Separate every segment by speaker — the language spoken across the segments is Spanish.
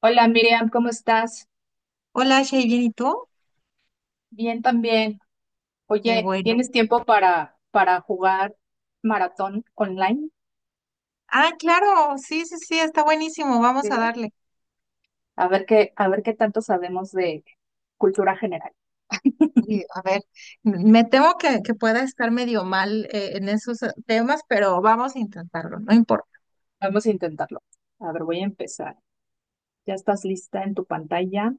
Speaker 1: Hola Miriam, ¿cómo estás?
Speaker 2: Hola, Shay, ¿bien y tú?
Speaker 1: Bien también.
Speaker 2: Qué
Speaker 1: Oye,
Speaker 2: bueno.
Speaker 1: ¿tienes tiempo para jugar maratón online?
Speaker 2: Ah, claro, sí, sí, sí, está buenísimo, vamos a
Speaker 1: Sí.
Speaker 2: darle.
Speaker 1: A ver qué tanto sabemos de cultura general.
Speaker 2: Y, a ver, me temo que pueda estar medio mal en esos temas, pero vamos a intentarlo, no importa.
Speaker 1: Vamos a intentarlo. A ver, voy a empezar. ¿Ya estás lista en tu pantalla?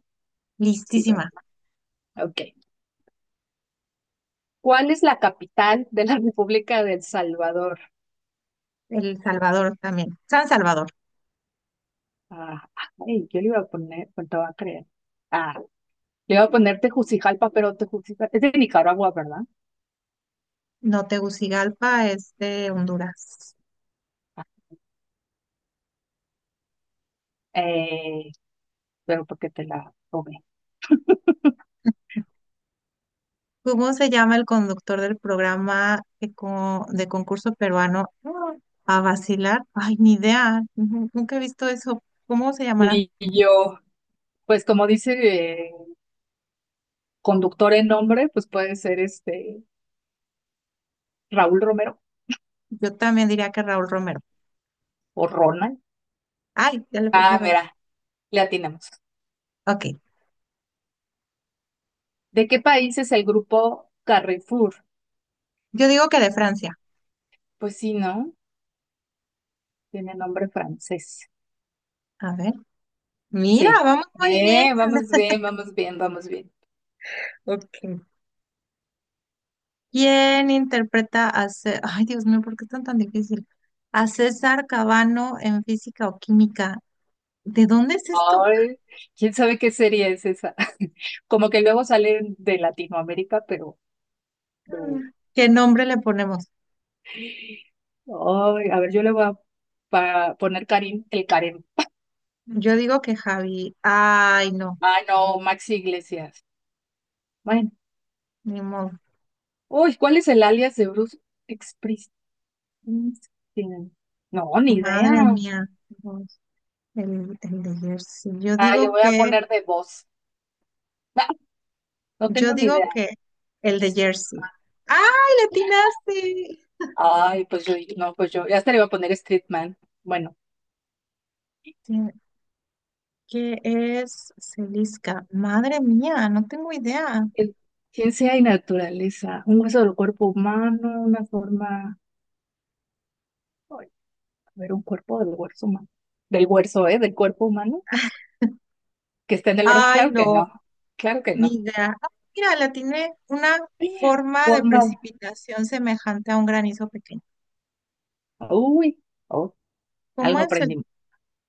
Speaker 1: Sí, bueno.
Speaker 2: Listísima.
Speaker 1: Ok. ¿Cuál es la capital de la República de El Salvador?
Speaker 2: El Salvador también. San Salvador,
Speaker 1: Ah, ay, yo le iba a poner, ¿cuánto va a creer? Ah, le iba a poner Tegucigalpa, pero Tegucigalpa es de Nicaragua, ¿verdad?
Speaker 2: no Tegucigalpa, es de Honduras.
Speaker 1: Ah, Eh. pero porque te la robé.
Speaker 2: ¿Cómo se llama el conductor del programa de, de concurso peruano? A vacilar. Ay, ni idea, ujú, nunca he visto eso. ¿Cómo se llamará?
Speaker 1: Y yo, pues como dice eh, conductor en nombre, pues puede ser este Raúl Romero
Speaker 2: Yo también diría que Raúl Romero.
Speaker 1: o Ronald.
Speaker 2: Ay, ya le puse
Speaker 1: Ah,
Speaker 2: error.
Speaker 1: mira, le atinamos.
Speaker 2: Ok,
Speaker 1: ¿De qué país es el grupo Carrefour?
Speaker 2: yo digo que de
Speaker 1: Mm,
Speaker 2: Francia.
Speaker 1: Pues sí, ¿no? Tiene nombre francés.
Speaker 2: A ver, mira,
Speaker 1: Sí.
Speaker 2: vamos muy bien.
Speaker 1: Vamos bien, vamos bien, vamos bien.
Speaker 2: Ok. ¿Quién interpreta a César? Ay, Dios mío, ¿por qué es tan tan difícil? A César Cabano en física o química. ¿De dónde es esto?
Speaker 1: Ay, quién sabe qué serie es esa. Como que luego salen de Latinoamérica, pero no.
Speaker 2: Mm. ¿Qué nombre le ponemos?
Speaker 1: Ay, a ver, yo le voy a poner Karim, el Karim.
Speaker 2: Yo digo que Javi. Ay, no,
Speaker 1: Ah, no, Maxi Iglesias. Bueno.
Speaker 2: ni modo.
Speaker 1: Uy, ¿cuál es el alias de Bruce Springsteen? No, ni
Speaker 2: Madre
Speaker 1: idea.
Speaker 2: mía, Dios, el de Jersey. Yo
Speaker 1: Ah, le
Speaker 2: digo
Speaker 1: voy a
Speaker 2: que,
Speaker 1: poner de voz. Ah, no
Speaker 2: yo
Speaker 1: tengo ni
Speaker 2: digo
Speaker 1: idea.
Speaker 2: que el de
Speaker 1: Este,
Speaker 2: Jersey. ¡Ay, le atinaste!
Speaker 1: ay, pues yo, no, pues yo, ya hasta le iba a poner Streetman. Bueno,
Speaker 2: Sí. ¿Qué es Celisca? Madre mía, no tengo idea.
Speaker 1: el- ciencia y naturaleza. Un hueso del cuerpo humano, una forma. Ay, a ver, un cuerpo del hueso humano. Del hueso, ¿eh? Del cuerpo humano. Que está en el brazo.
Speaker 2: Ay,
Speaker 1: Claro que
Speaker 2: no,
Speaker 1: no, claro que
Speaker 2: ni
Speaker 1: no.
Speaker 2: idea. Ah, mira, la tiene una forma de
Speaker 1: Forma,
Speaker 2: precipitación semejante a un granizo pequeño.
Speaker 1: uy, oh,
Speaker 2: ¿Cómo
Speaker 1: algo
Speaker 2: es el
Speaker 1: aprendimos.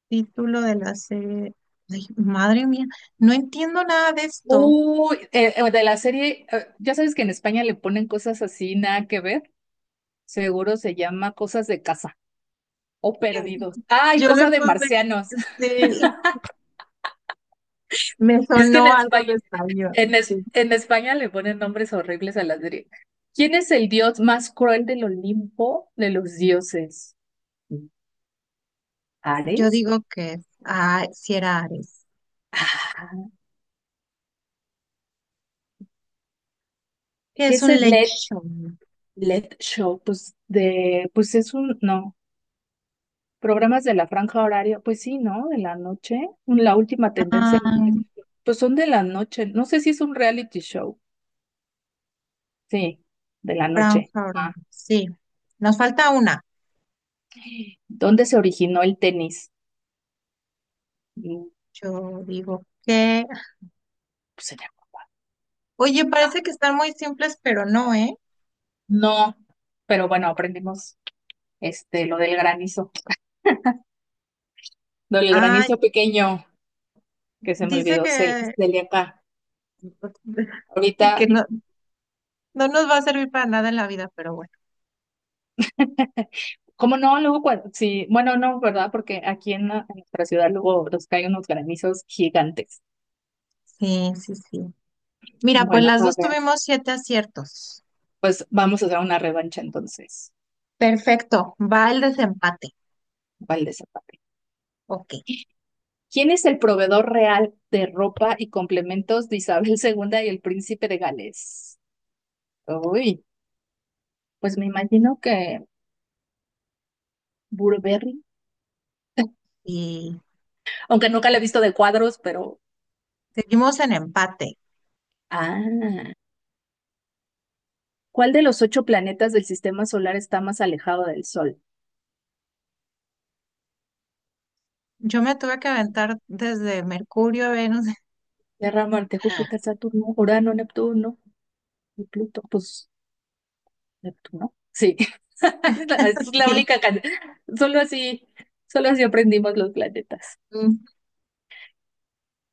Speaker 2: título de la serie? Ay, madre mía, no entiendo nada de esto.
Speaker 1: Uy, de la serie, ya sabes que en España le ponen cosas así, nada que ver. Seguro se llama cosas de casa o perdidos. Ay,
Speaker 2: Yo le
Speaker 1: cosa de
Speaker 2: puse,
Speaker 1: marcianos.
Speaker 2: sí, me
Speaker 1: Es que en
Speaker 2: sonó algo de
Speaker 1: España,
Speaker 2: español,
Speaker 1: en, es-
Speaker 2: sí.
Speaker 1: en España le ponen nombres horribles a la serie. ¿Quién es el dios más cruel del Olimpo de los dioses?
Speaker 2: Yo
Speaker 1: ¿Ares?
Speaker 2: digo que, ah, si era Ares.
Speaker 1: Ah,
Speaker 2: ¿Que
Speaker 1: ¿qué
Speaker 2: es
Speaker 1: es
Speaker 2: un
Speaker 1: el
Speaker 2: late
Speaker 1: Led?
Speaker 2: show?
Speaker 1: Let Show, pues de, pues es un, no, programas de la franja horaria, pues sí, ¿no? De la noche, la última tendencia,
Speaker 2: Ay,
Speaker 1: pues son de la noche, no sé si es un reality show, sí, de la noche.
Speaker 2: franja
Speaker 1: Ah.
Speaker 2: horaria. Sí, nos falta una.
Speaker 1: ¿Dónde se originó el tenis? Mm,
Speaker 2: Yo digo que,
Speaker 1: Pues en
Speaker 2: oye,
Speaker 1: Europa.
Speaker 2: parece que están muy simples, pero no, ¿eh?
Speaker 1: No, pero bueno, aprendimos este, lo del
Speaker 2: Ah,
Speaker 1: granizo pequeño, que se me
Speaker 2: dice
Speaker 1: olvidó,
Speaker 2: que,
Speaker 1: Celia acá. Ahorita
Speaker 2: que no, no nos va a servir para nada en la vida, pero bueno.
Speaker 1: como no, luego cuando, sí, bueno, no, ¿verdad? Porque aquí en, en nuestra ciudad luego nos caen unos granizos gigantes.
Speaker 2: Sí, sí, sí. Mira, pues
Speaker 1: Bueno,
Speaker 2: las
Speaker 1: a
Speaker 2: dos
Speaker 1: ver,
Speaker 2: tuvimos 7 aciertos.
Speaker 1: pues vamos a hacer una revancha entonces.
Speaker 2: Perfecto, va el desempate.
Speaker 1: Vale, Zapata.
Speaker 2: Ok,
Speaker 1: ¿Quién es el proveedor real de ropa y complementos de Isabel II y el príncipe de Gales? Uy, pues me imagino que Burberry,
Speaker 2: y
Speaker 1: aunque nunca la he visto de cuadros, pero...
Speaker 2: seguimos en empate.
Speaker 1: Ah, ¿cuál de los ocho planetas del sistema solar está más alejado del Sol?
Speaker 2: Yo me tuve que aventar desde Mercurio a Venus.
Speaker 1: Tierra, Marte, Júpiter, Saturno, Urano, Neptuno. Y Pluto, pues Neptuno. Sí, es la
Speaker 2: Sí.
Speaker 1: única can- Solo así, solo así aprendimos los planetas.
Speaker 2: Mm.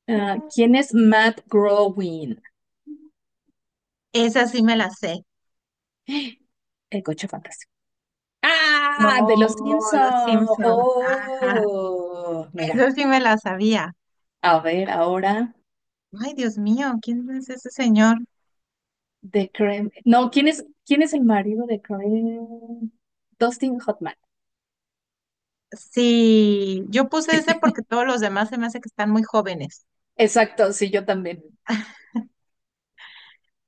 Speaker 1: Ah, ¿quién es Matt Groening?
Speaker 2: Esa sí me la sé.
Speaker 1: El coche fantástico. ¡Ah! De los
Speaker 2: No,
Speaker 1: Simpson.
Speaker 2: los Simpson. Ajá,
Speaker 1: Oh,
Speaker 2: eso
Speaker 1: mira.
Speaker 2: sí me la sabía.
Speaker 1: A ver, ahora
Speaker 2: Ay, Dios mío, ¿quién es ese señor?
Speaker 1: de Kramer. No, ¿quién es el marido de Kramer? Dustin Hoffman.
Speaker 2: Sí, yo puse ese porque todos los demás se me hace que están muy jóvenes.
Speaker 1: Exacto, sí, yo también.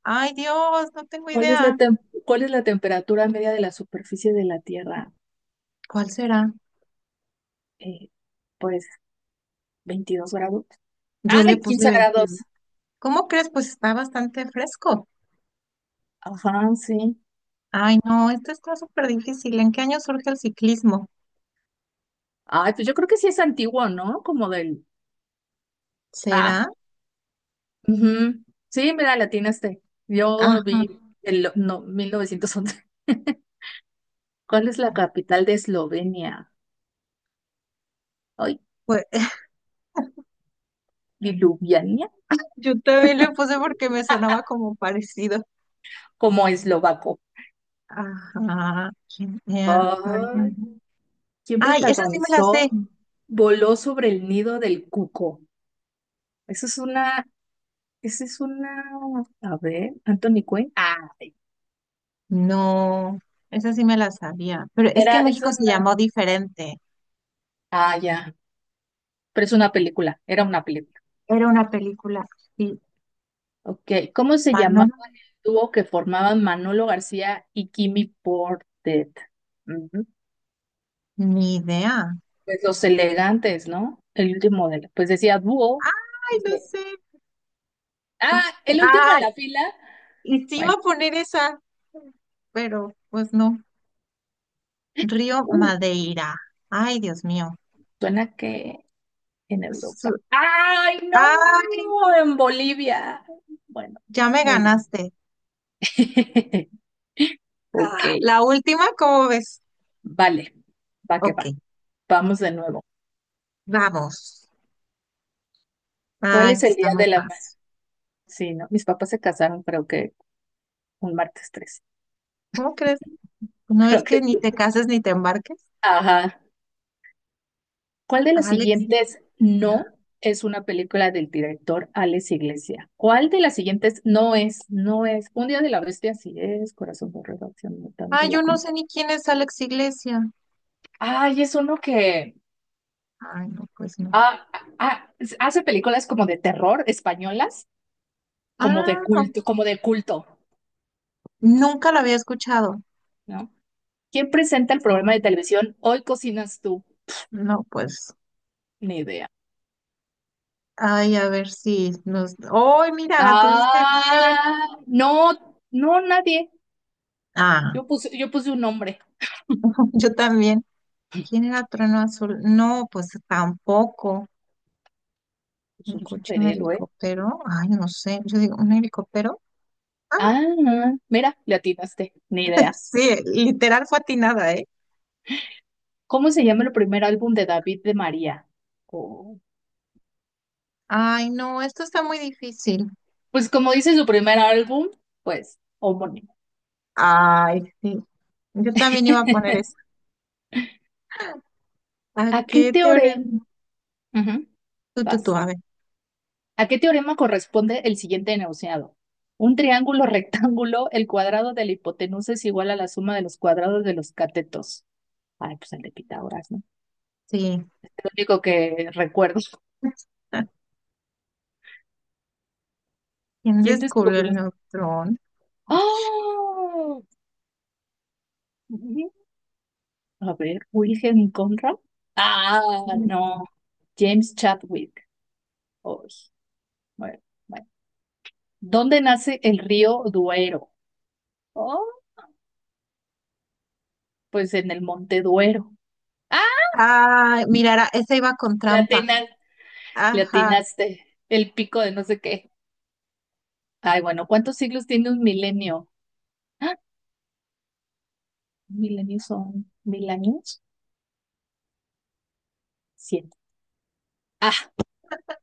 Speaker 2: Ay, Dios, no tengo
Speaker 1: ¿Cuál es la
Speaker 2: idea.
Speaker 1: tem- cuál es la temperatura media de la superficie de la Tierra?
Speaker 2: ¿Cuál será?
Speaker 1: Eh, pues 22 grados.
Speaker 2: Yo le
Speaker 1: Ay,
Speaker 2: puse
Speaker 1: 15 grados.
Speaker 2: 22. ¿Cómo crees? Pues está bastante fresco.
Speaker 1: Ajá, sí.
Speaker 2: Ay, no, esto está súper difícil. ¿En qué año surge el ciclismo?
Speaker 1: Ay, pues yo creo que sí es antiguo, ¿no? Como del... Ah,
Speaker 2: ¿Será?
Speaker 1: ujú. Sí, mira, la atinaste. Yo lo
Speaker 2: Ajá.
Speaker 1: vi en no, 1911. ¿Cuál es la capital de Eslovenia? Ay,
Speaker 2: Pues
Speaker 1: Ljubljana,
Speaker 2: yo también le puse porque me sonaba como parecido.
Speaker 1: como eslovaco.
Speaker 2: Ajá. ¿Quién era? Ay, no.
Speaker 1: Ay, ¿quién
Speaker 2: Ay, esa sí me la
Speaker 1: protagonizó
Speaker 2: sé.
Speaker 1: Voló sobre el nido del cuco? Esa es una, esa es una, a ver, Anthony Quinn. Ah,
Speaker 2: No, esa sí me la sabía. Pero es que
Speaker 1: era,
Speaker 2: en
Speaker 1: es
Speaker 2: México se
Speaker 1: una,
Speaker 2: llamó diferente.
Speaker 1: ah, ya. Pero es una película, era una película.
Speaker 2: Era una película. Sí,
Speaker 1: Ok, ¿cómo se llamaba
Speaker 2: Manolo,
Speaker 1: el dúo que formaban Manolo García y Kimi Portet? Ujú.
Speaker 2: ni idea.
Speaker 1: Pues los elegantes, ¿no? El último pues decía dúo.
Speaker 2: Ay, no
Speaker 1: Dice,
Speaker 2: sé.
Speaker 1: ah, el último en
Speaker 2: Ay,
Speaker 1: la fila.
Speaker 2: y sí iba
Speaker 1: Bueno,
Speaker 2: a poner esa, pero pues no. Río
Speaker 1: uh,
Speaker 2: Madeira. Ay, Dios mío.
Speaker 1: suena que en Europa.
Speaker 2: Su-
Speaker 1: ¡Ay, no!
Speaker 2: ay,
Speaker 1: En Bolivia. Bueno,
Speaker 2: ya me
Speaker 1: muy bien.
Speaker 2: ganaste.
Speaker 1: Ok,
Speaker 2: La última, ¿cómo ves?
Speaker 1: vale, va que
Speaker 2: Ok,
Speaker 1: va. Vamos de nuevo.
Speaker 2: vamos.
Speaker 1: ¿Cuál
Speaker 2: Ay,
Speaker 1: es
Speaker 2: esta
Speaker 1: el
Speaker 2: está
Speaker 1: día
Speaker 2: muy
Speaker 1: de la
Speaker 2: fácil.
Speaker 1: Sí, ¿no? Mis papás se casaron, creo que un martes 3.
Speaker 2: ¿Cómo crees? No es
Speaker 1: Creo
Speaker 2: que
Speaker 1: que.
Speaker 2: ni te
Speaker 1: Sí.
Speaker 2: cases ni te embarques.
Speaker 1: Ajá. ¿Cuál de las
Speaker 2: Alex.
Speaker 1: siguientes no es una película del director Alex Iglesia? ¿Cuál de las siguientes no es? No es. Un día de la bestia, sí es. Corazón borrado, acción
Speaker 2: Ah,
Speaker 1: mutante,
Speaker 2: yo no sé ni quién es Alex Iglesia.
Speaker 1: ay, es uno que
Speaker 2: Ay, no, pues no.
Speaker 1: ah, ah, hace películas como de terror españolas,
Speaker 2: Ah,
Speaker 1: como de culto,
Speaker 2: nunca lo había escuchado.
Speaker 1: ¿no? ¿Quién presenta el programa
Speaker 2: Oh,
Speaker 1: de televisión Hoy cocinas tú?
Speaker 2: no, pues.
Speaker 1: Ni idea.
Speaker 2: Ay, a ver si nos. ¡Oh, mira, la tuviste bien!
Speaker 1: Ah, no, no, nadie.
Speaker 2: Ah,
Speaker 1: Yo puse un nombre.
Speaker 2: yo también. ¿Quién era Trueno Azul? No, pues tampoco.
Speaker 1: Pues
Speaker 2: ¿Un
Speaker 1: un
Speaker 2: coche, un
Speaker 1: superhéroe.
Speaker 2: helicóptero? Ay, no sé. Yo digo, ¿un helicóptero? Ah,
Speaker 1: Ah, mira, le atinaste. Ni idea.
Speaker 2: sí, literal fue atinada, ¿eh?
Speaker 1: ¿Cómo se llama el primer álbum de David de María? Oh,
Speaker 2: Ay, no, esto está muy difícil.
Speaker 1: pues como dice su primer álbum, pues homónimo.
Speaker 2: Ay, sí. Yo también iba a poner ¿a
Speaker 1: ¿A qué
Speaker 2: qué
Speaker 1: teorema?
Speaker 2: teorema?
Speaker 1: Ujú,
Speaker 2: Tú,
Speaker 1: vas.
Speaker 2: a ver.
Speaker 1: ¿A qué teorema corresponde el siguiente enunciado? Un triángulo rectángulo, el cuadrado de la hipotenusa es igual a la suma de los cuadrados de los catetos. Ay, pues el de Pitágoras,
Speaker 2: Sí.
Speaker 1: lo único que recuerdo.
Speaker 2: ¿Quién
Speaker 1: ¿Quién
Speaker 2: descubrió el
Speaker 1: descubrió?
Speaker 2: neutrón?
Speaker 1: ¡Ah! A ver, Wilhelm Conrad. Ah, no. James Chadwick. Ay, bueno, bueno. ¿Dónde nace el río Duero? Oh, pues en el Monte Duero. ¡Ah!
Speaker 2: Ah, mirara, esa iba con
Speaker 1: Le
Speaker 2: trampa.
Speaker 1: atina- le
Speaker 2: Ajá.
Speaker 1: atinaste. El pico de no sé qué. Ay, bueno, ¿cuántos siglos tiene un milenio? ¡Ah! ¿Un milenio son 1000 años? Siete. Ah,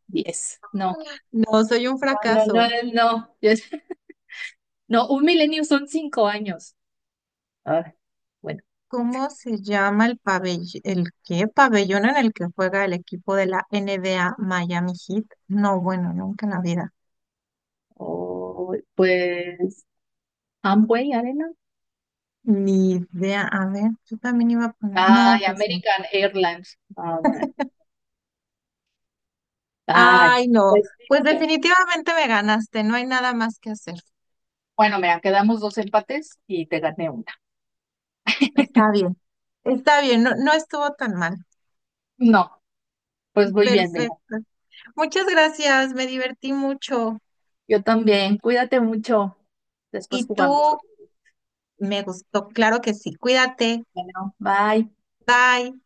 Speaker 1: 10. No,
Speaker 2: No, soy un
Speaker 1: no, no,
Speaker 2: fracaso.
Speaker 1: no. No. No, un milenio son 5 años. Ah, bueno,
Speaker 2: ¿Cómo se llama el pabellón, el qué pabellón en el que juega el equipo de la NBA Miami Heat? No, bueno, nunca en la vida.
Speaker 1: pues Amway Arena.
Speaker 2: Ni idea. A ver, yo también iba a poner. No,
Speaker 1: Ay,
Speaker 2: pues no.
Speaker 1: American Airlines. Ah, bueno. Ay,
Speaker 2: Ay, no.
Speaker 1: pues
Speaker 2: Pues
Speaker 1: listo.
Speaker 2: definitivamente me ganaste. No hay nada más que hacer.
Speaker 1: Bueno, mira, quedamos dos empates y te gané una.
Speaker 2: Está bien, está bien, no, no estuvo tan mal.
Speaker 1: No, pues muy bien, mira.
Speaker 2: Perfecto. Muchas gracias, me divertí mucho.
Speaker 1: Yo también. Cuídate mucho. Después
Speaker 2: Y
Speaker 1: jugamos.
Speaker 2: tú, me gustó, claro que sí. Cuídate.
Speaker 1: Bueno, bye.
Speaker 2: Bye.